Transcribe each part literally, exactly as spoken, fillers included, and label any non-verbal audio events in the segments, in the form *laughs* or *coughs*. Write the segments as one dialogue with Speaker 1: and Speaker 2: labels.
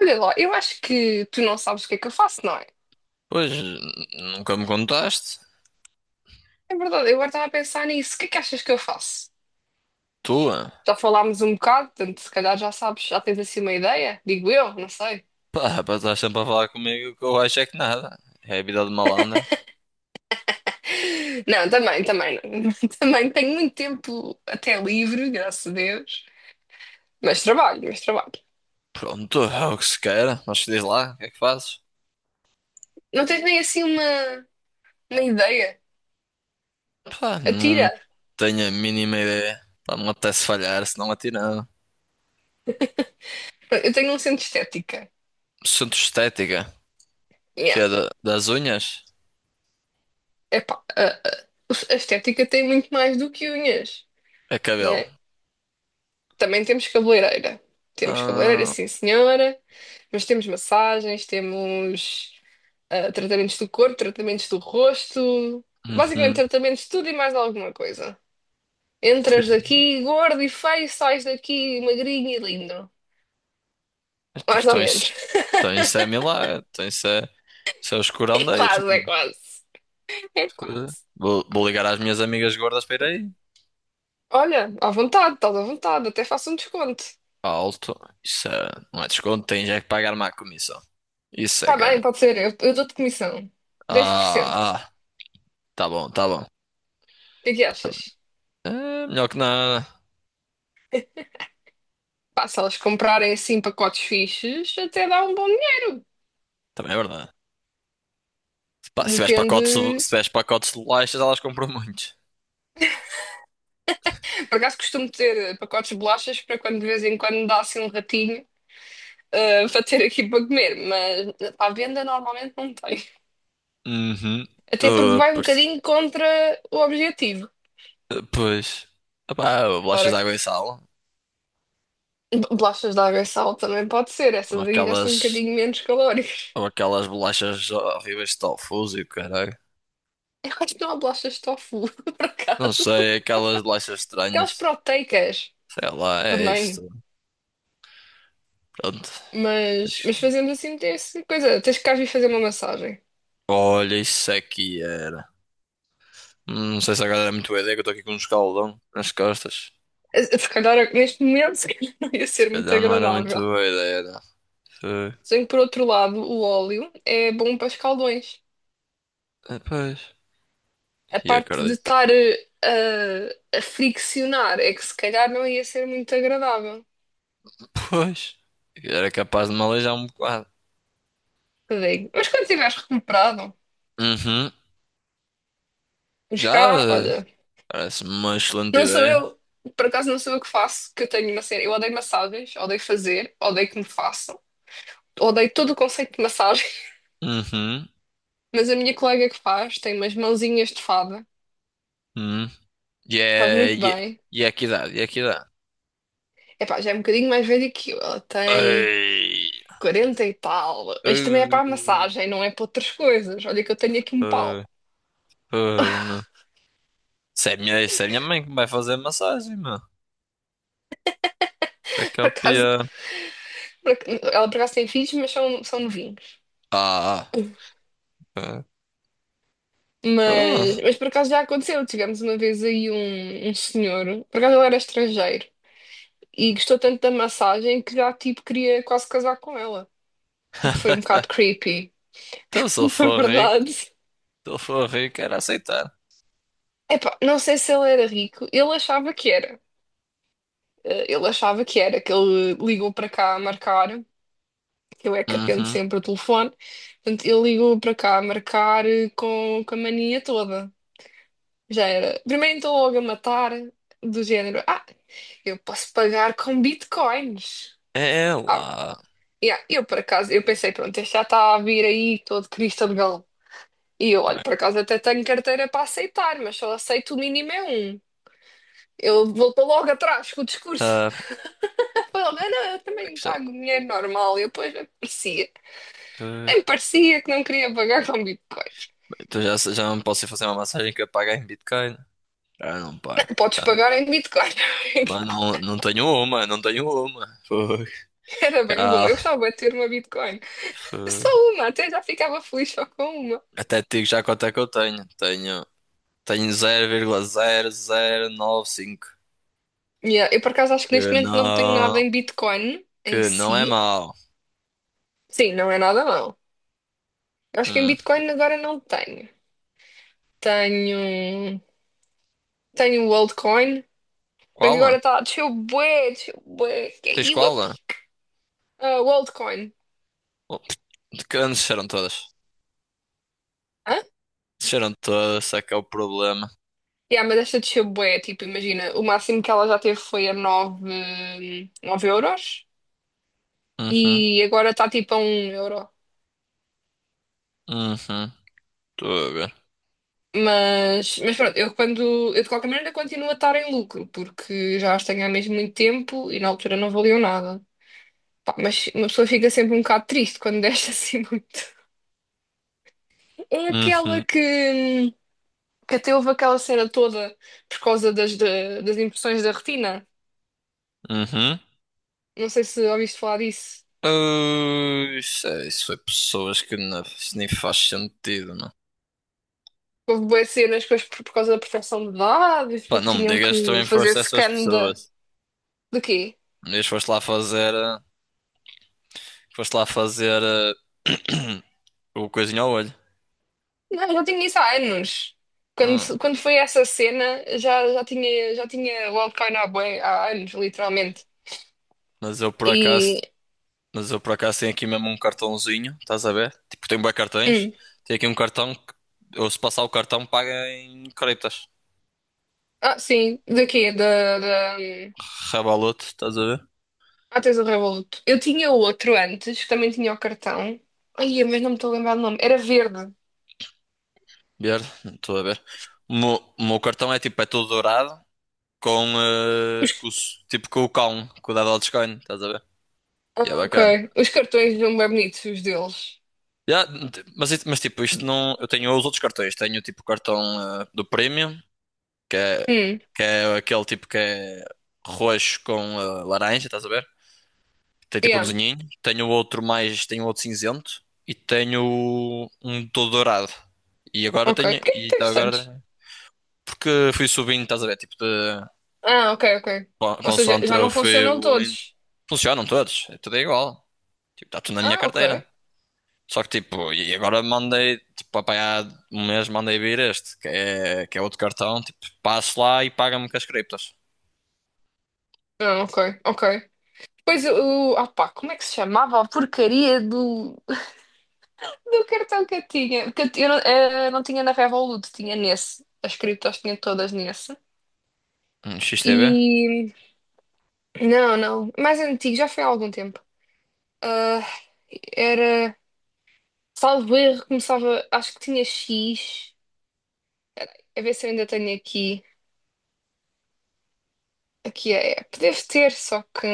Speaker 1: Olha lá, eu acho que tu não sabes o que é que eu faço, não é?
Speaker 2: Pois, nunca me contaste.
Speaker 1: É verdade, eu agora estava a pensar nisso. O que é que achas que eu faço?
Speaker 2: Tua.
Speaker 1: Já falámos um bocado, portanto, se calhar já sabes, já tens assim uma ideia? Digo eu, não sei.
Speaker 2: Pá, pá, estás sempre a falar comigo que eu acho é que nada. É a vida de malandra.
Speaker 1: *laughs* Não, também, também, não. *laughs* Também tenho muito tempo até livre, graças a Deus. Mas trabalho, mas trabalho.
Speaker 2: Pronto, é o que se queira. Mas diz lá, o que é que fazes?
Speaker 1: Não tens nem assim uma, uma ideia?
Speaker 2: Pá,
Speaker 1: Atira.
Speaker 2: não tenho a mínima ideia. Pá, não me apetece falhar, se não atirava.
Speaker 1: Eu tenho um centro de estética.
Speaker 2: Centro estética, que
Speaker 1: Yeah.
Speaker 2: é da- das unhas,
Speaker 1: Epá, a, a a estética tem muito mais do que unhas,
Speaker 2: é cabelo.
Speaker 1: né? Também temos cabeleireira. Temos cabeleireira,
Speaker 2: Ah,
Speaker 1: sim, senhora. Mas temos massagens, temos ah, tratamentos do corpo, tratamentos do rosto. Basicamente,
Speaker 2: uhum.
Speaker 1: tratamentos de tudo e mais alguma coisa. Entras daqui gordo e feio, sais daqui magrinho e lindo. Mais ou
Speaker 2: Então isso,
Speaker 1: menos.
Speaker 2: então
Speaker 1: *laughs*
Speaker 2: isso é milagre. Então isso é, isso é os
Speaker 1: É
Speaker 2: curandeiros,
Speaker 1: quase, é
Speaker 2: mano.
Speaker 1: quase. É quase.
Speaker 2: Vou, vou ligar às minhas amigas gordas para ir aí.
Speaker 1: Olha, à vontade, estás à vontade. Até faço um desconto.
Speaker 2: Alto. Isso é, não é desconto, tem já que pagar uma comissão. Isso é,
Speaker 1: Está bem,
Speaker 2: cara.
Speaker 1: pode ser. Eu, eu dou-te comissão. dez por cento. O
Speaker 2: Ah, ah, tá bom, tá bom.
Speaker 1: que é que achas?
Speaker 2: É melhor que nada.
Speaker 1: Pá, se elas comprarem assim pacotes fixes, até dá um bom dinheiro.
Speaker 2: Também é verdade. Pá, se tiveres
Speaker 1: Depende.
Speaker 2: pacotes, se tiveres pacotes de bolachas, elas compram muito.
Speaker 1: Por acaso costumo ter pacotes de bolachas para quando de vez em quando dá assim um ratinho, ah, para ter aqui para comer, mas para a venda normalmente não tem.
Speaker 2: Uhum.
Speaker 1: Até
Speaker 2: Tô
Speaker 1: porque
Speaker 2: a
Speaker 1: vai um
Speaker 2: perce-
Speaker 1: bocadinho contra o objetivo.
Speaker 2: Pois. Epá, bolachas de
Speaker 1: Ora,
Speaker 2: água e sal.
Speaker 1: bolachas de água e sal também pode ser,
Speaker 2: Ou
Speaker 1: essas aí já são
Speaker 2: aquelas.
Speaker 1: um bocadinho menos calóricas.
Speaker 2: Ou aquelas bolachas horríveis de tofu e o caralho.
Speaker 1: *laughs* Eu acho que não há bolachas de tofu, *laughs* por
Speaker 2: Não
Speaker 1: acaso.
Speaker 2: sei, aquelas bolachas
Speaker 1: Aquelas
Speaker 2: estranhas.
Speaker 1: proteicas
Speaker 2: Sei lá, é
Speaker 1: também.
Speaker 2: isto. Pronto.
Speaker 1: Mas,
Speaker 2: Deixa-
Speaker 1: mas fazemos assim, tem essa coisa. Tens que cá vir fazer uma massagem.
Speaker 2: Olha, isso aqui era. Hum, Não sei se agora era muito boa ideia, que eu estou aqui com um escaldão nas costas.
Speaker 1: Eh, Se calhar neste momento *laughs* se calhar não ia
Speaker 2: Se
Speaker 1: ser muito
Speaker 2: calhar não era muito
Speaker 1: agradável.
Speaker 2: boa ideia, não. Foi.
Speaker 1: Só que por outro lado, o óleo é bom para escaldões.
Speaker 2: Ah, pois.
Speaker 1: A
Speaker 2: E
Speaker 1: parte de
Speaker 2: acredito.
Speaker 1: estar eh, a, a friccionar é que se calhar não ia ser muito agradável.
Speaker 2: Pois. Era capaz de me aleijar um bocado.
Speaker 1: Eu digo, mas quando tiveres recuperado,
Speaker 2: Uhum.
Speaker 1: pois
Speaker 2: Já.
Speaker 1: cá,
Speaker 2: eh,
Speaker 1: olha,
Speaker 2: Parece-me uma excelente
Speaker 1: não sou
Speaker 2: ideia.
Speaker 1: eu, por acaso não sou eu que faço, que eu tenho uma cena. Eu odeio massagens, odeio fazer, odeio que me façam, odeio todo o conceito de massagem,
Speaker 2: Uhum.
Speaker 1: *laughs* mas a minha colega que faz tem umas mãozinhas de fada,
Speaker 2: Uhum. E
Speaker 1: faz
Speaker 2: é.
Speaker 1: muito
Speaker 2: E é
Speaker 1: bem.
Speaker 2: e é que idade? E é que idade?
Speaker 1: Epá, já é um bocadinho mais velha que eu. Ela tem
Speaker 2: Ei.
Speaker 1: quarenta e tal. Mas também é
Speaker 2: Ei.
Speaker 1: para a massagem, não é para outras coisas. Olha que eu tenho aqui um pau.
Speaker 2: Ei. Ei, meu. Isso é minha, isso é minha mãe que me vai fazer massagem, meu. Isso é que
Speaker 1: *laughs*
Speaker 2: é
Speaker 1: Por
Speaker 2: o
Speaker 1: acaso,
Speaker 2: pior.
Speaker 1: por ac- ela por acaso tem filhos, mas são, são novinhos.
Speaker 2: Ah. Ah.
Speaker 1: Mas,
Speaker 2: Ah.
Speaker 1: mas por acaso já aconteceu. Tivemos uma vez aí um, um senhor, por acaso ele era estrangeiro, e gostou tanto da massagem que já tipo queria quase casar com ela. O que foi um
Speaker 2: *laughs*
Speaker 1: bocado creepy,
Speaker 2: Então, se ele
Speaker 1: *laughs* na
Speaker 2: for rico,
Speaker 1: verdade.
Speaker 2: se ele for rico, era aceitar.
Speaker 1: Epá, não sei se ele era rico, ele achava que era. Eh, Ele achava que era, que ele ligou para cá a marcar. Eu é que atendo
Speaker 2: Uhum.
Speaker 1: sempre o telefone. Portanto, eu ligo para cá a marcar eh, com, com a mania toda. Já era. Primeiro então logo a matar, do género. Ah, eu posso pagar com bitcoins.
Speaker 2: É
Speaker 1: Ah,
Speaker 2: lá.
Speaker 1: yeah, eu por acaso, eu pensei, pronto, este já está a vir aí todo Cristo de Galo. E eu,
Speaker 2: Tá
Speaker 1: olho
Speaker 2: bem.
Speaker 1: por acaso até tenho carteira para aceitar, mas só aceito o mínimo é um. Ele voltou logo atrás com o discurso.
Speaker 2: Ah,
Speaker 1: *laughs* Falou, não, não, eu também
Speaker 2: isto é,
Speaker 1: pago dinheiro normal. E depois nem parecia,
Speaker 2: eh,
Speaker 1: nem parecia que não queria pagar com bitcoins.
Speaker 2: então já, já não posso ir fazer uma massagem que eu pague em Bitcoin. Ah, não pago.
Speaker 1: Podes
Speaker 2: Já não-
Speaker 1: pagar em Bitcoin.
Speaker 2: Mas não, não tenho uma, não tenho uma. Foi.
Speaker 1: *laughs* Era bem bom.
Speaker 2: Cá.
Speaker 1: Eu gostava de ter uma Bitcoin.
Speaker 2: Foi.
Speaker 1: Só uma, até já ficava feliz só com uma.
Speaker 2: Até te digo já quanto é que eu tenho. Tenho, tenho zero vírgula zero zero nove cinco.
Speaker 1: Yeah, eu por acaso acho que
Speaker 2: Que
Speaker 1: neste momento não tenho nada
Speaker 2: não,
Speaker 1: em Bitcoin em
Speaker 2: que não é
Speaker 1: si.
Speaker 2: mau.
Speaker 1: Sim, não é nada não. Eu acho que em
Speaker 2: Hum.
Speaker 1: Bitcoin agora não tenho. Tenho. Tenho o altcoin. Porque agora
Speaker 2: Qual?
Speaker 1: está a descer bué, desceu bué.
Speaker 2: Tens
Speaker 1: Caiu a
Speaker 2: qual?
Speaker 1: pique. Ah, o altcoin.
Speaker 2: Oh, que anos disseram todas?
Speaker 1: Hã?
Speaker 2: Desceram todos, esse é que é o problema.
Speaker 1: Yeah, mas esta desceu bué, tipo, imagina, o máximo que ela já teve foi a nove nove euros.
Speaker 2: Uhum,
Speaker 1: E agora está tipo a um euro.
Speaker 2: uhum, estou a ver.
Speaker 1: Mas, mas pronto, eu quando eu de qualquer maneira continuo a estar em lucro, porque já as tenho há mesmo muito tempo e na altura não valiam nada. Pá, mas uma pessoa fica sempre um bocado triste quando deixa assim *laughs* muito. É aquela
Speaker 2: Uhum,
Speaker 1: que, que até houve aquela cena toda por causa das, da- das impressões da retina.
Speaker 2: uhum.
Speaker 1: Não sei se ouviste falar disso.
Speaker 2: Ui, isso, é- isso foi pessoas que não, isso nem faz sentido, não.
Speaker 1: Houve boas cenas depois por, por causa da proteção de dados,
Speaker 2: Pá,
Speaker 1: porque
Speaker 2: não me
Speaker 1: tinham
Speaker 2: digas que
Speaker 1: que
Speaker 2: também
Speaker 1: fazer
Speaker 2: foste essas
Speaker 1: scan da,
Speaker 2: pessoas.
Speaker 1: de quê?
Speaker 2: Um dia foste lá fazer, eh, foste lá fazer eh, *coughs* *clears throat* o coisinho ao olho.
Speaker 1: Não, já tinha isso há anos.
Speaker 2: Hum,
Speaker 1: Quando, quando foi essa cena, já, já tinha, já tinha o altcoin há, bué- há anos, literalmente.
Speaker 2: Mas eu por acaso,
Speaker 1: E.
Speaker 2: mas eu por acaso tenho aqui mesmo um cartãozinho, estás a ver? Tipo, tenho bué cartões.
Speaker 1: hum,
Speaker 2: Tenho aqui um cartão que, ou se passar o cartão, paga em criptas.
Speaker 1: ah, sim, daqui, da. da hum,
Speaker 2: Revolut, estás a ver?
Speaker 1: ah, tens o Revolut. Eu tinha outro antes, que também tinha o cartão. Ai, mas não me estou a lembrar do nome. Era verde.
Speaker 2: Ver, estou a ver. O meu, o meu cartão é tipo, é todo dourado com, eh, com os- tipo com o cão, com o da Dogecoin, estás a ver? E é
Speaker 1: Ah,
Speaker 2: bacana.
Speaker 1: ok. Os cartões não bem bonitos, os deles.
Speaker 2: Ya, t- mas, it- mas tipo, isto não. Eu tenho os outros cartões. Tenho tipo o cartão eh, do Premium, que é,
Speaker 1: Hum,
Speaker 2: que é aquele tipo que é roxo com eh, laranja, estás a ver? Tem tipo um
Speaker 1: yeah,
Speaker 2: desenhinho. Tenho outro mais, tenho outro cinzento e tenho um todo dourado. E agora
Speaker 1: ok. Por
Speaker 2: tenho.
Speaker 1: que é que
Speaker 2: E tá
Speaker 1: tens
Speaker 2: agora
Speaker 1: tantos?
Speaker 2: também. Porque fui subindo, estás a ver? Tipo de.
Speaker 1: Ah, ok, ok.
Speaker 2: con-
Speaker 1: Ou seja,
Speaker 2: consoante
Speaker 1: já
Speaker 2: eu
Speaker 1: não
Speaker 2: fui
Speaker 1: funcionam
Speaker 2: evoluindo.
Speaker 1: todos.
Speaker 2: Funcionam todos, é tudo igual. Tipo, está tudo na minha
Speaker 1: Ah, ok.
Speaker 2: carteira. Só que tipo, e agora mandei, tipo, apanhar um mês mandei vir este, que é, que é outro cartão, tipo, passo lá e paga-me com as criptos.
Speaker 1: Ah, ok, ok. Pois o. Ah pá, como é que se chamava a porcaria do, do cartão que eu tinha? Que eu, ti- eu não, eh, não tinha na Revolut, tinha nesse. As criptos tinha todas nesse.
Speaker 2: Hum, X T B?
Speaker 1: E. Não, não. Mais antigo, já foi há algum tempo. Ah, era. Salvo erro, começava. Acho que tinha X. A ver se eu ainda tenho aqui. Aqui a app. Deve ter, só que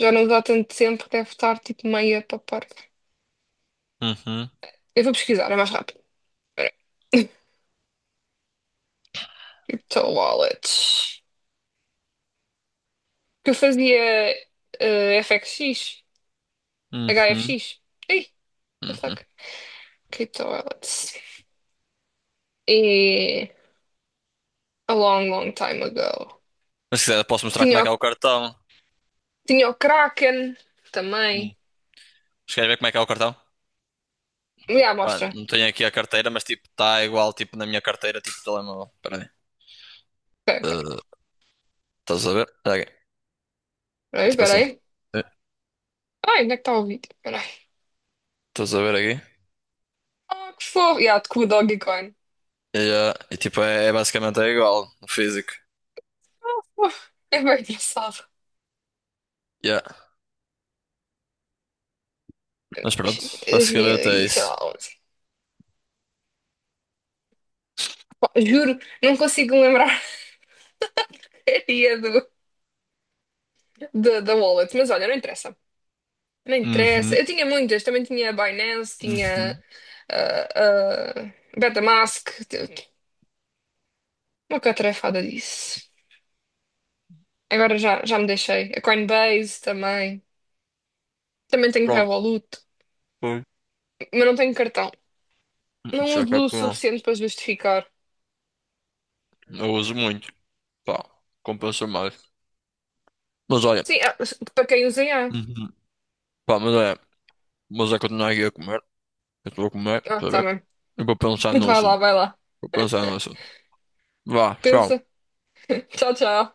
Speaker 1: já não dá tanto tempo, deve estar tipo meia para parte.
Speaker 2: Uhum,
Speaker 1: Eu vou pesquisar, é mais rápido. Espera. Crypto Wallets. Que eu fazia eh, F X X,
Speaker 2: uhum,
Speaker 1: H F X. Ei, the
Speaker 2: uhum.
Speaker 1: fuck? Que toilets. E a long, long time ago.
Speaker 2: Mas se quiser posso mostrar como é
Speaker 1: Tinha,
Speaker 2: que
Speaker 1: o-
Speaker 2: é o cartão.
Speaker 1: tinha o Kraken
Speaker 2: Hum.
Speaker 1: também.
Speaker 2: Mas queres ver como é que é o cartão?
Speaker 1: Já,
Speaker 2: Pá,
Speaker 1: mostra.
Speaker 2: não tenho aqui a carteira, mas tipo, está igual tipo na minha carteira, tipo telemóvel. Espera aí.
Speaker 1: Ok, ok.
Speaker 2: Eh, Estás a ver? Espera aí. É
Speaker 1: Peraí,
Speaker 2: tipo assim.
Speaker 1: peraí.
Speaker 2: Eh,
Speaker 1: Ai, onde é que está o vídeo? Peraí.
Speaker 2: Estás a ver aqui?
Speaker 1: Ah, que fofo. Já, com o Dogecoin.
Speaker 2: Yeah. E tipo, é, é basicamente é igual no físico.
Speaker 1: Uf, é bem engraçado.
Speaker 2: Yeah. Mas pronto,
Speaker 1: dois mil
Speaker 2: basicamente é
Speaker 1: e sei
Speaker 2: isso.
Speaker 1: lá, onze. Pá, juro, não consigo lembrar *laughs* a dia do, do- da wallet, mas olha, não interessa. Não interessa.
Speaker 2: Uhum,
Speaker 1: Eu tinha muitas, também tinha a Binance, tinha
Speaker 2: uhum.
Speaker 1: a Betamask, t- t- uma catrefada disso. Agora já, já me deixei. A Coinbase também. Também tenho
Speaker 2: Pronto,
Speaker 1: Revolut,
Speaker 2: foi.
Speaker 1: mas não tenho cartão. Não
Speaker 2: Isso é
Speaker 1: uso o
Speaker 2: campeão.
Speaker 1: suficiente para justificar.
Speaker 2: Eu uso muito. Pá, compensa mais. Mas olha,
Speaker 1: Sim, ah, para quem usa, há.
Speaker 2: uhum. Pá, mas olha mas é continuar aqui a comer. Eu estou a comer,
Speaker 1: Ah,
Speaker 2: está
Speaker 1: tá
Speaker 2: bem?
Speaker 1: bem.
Speaker 2: Eu vou pensar no
Speaker 1: Vai lá,
Speaker 2: assunto.
Speaker 1: vai lá.
Speaker 2: Vou pensar no assunto. Vá,
Speaker 1: Pensa.
Speaker 2: tchau.
Speaker 1: Tchau, tchau.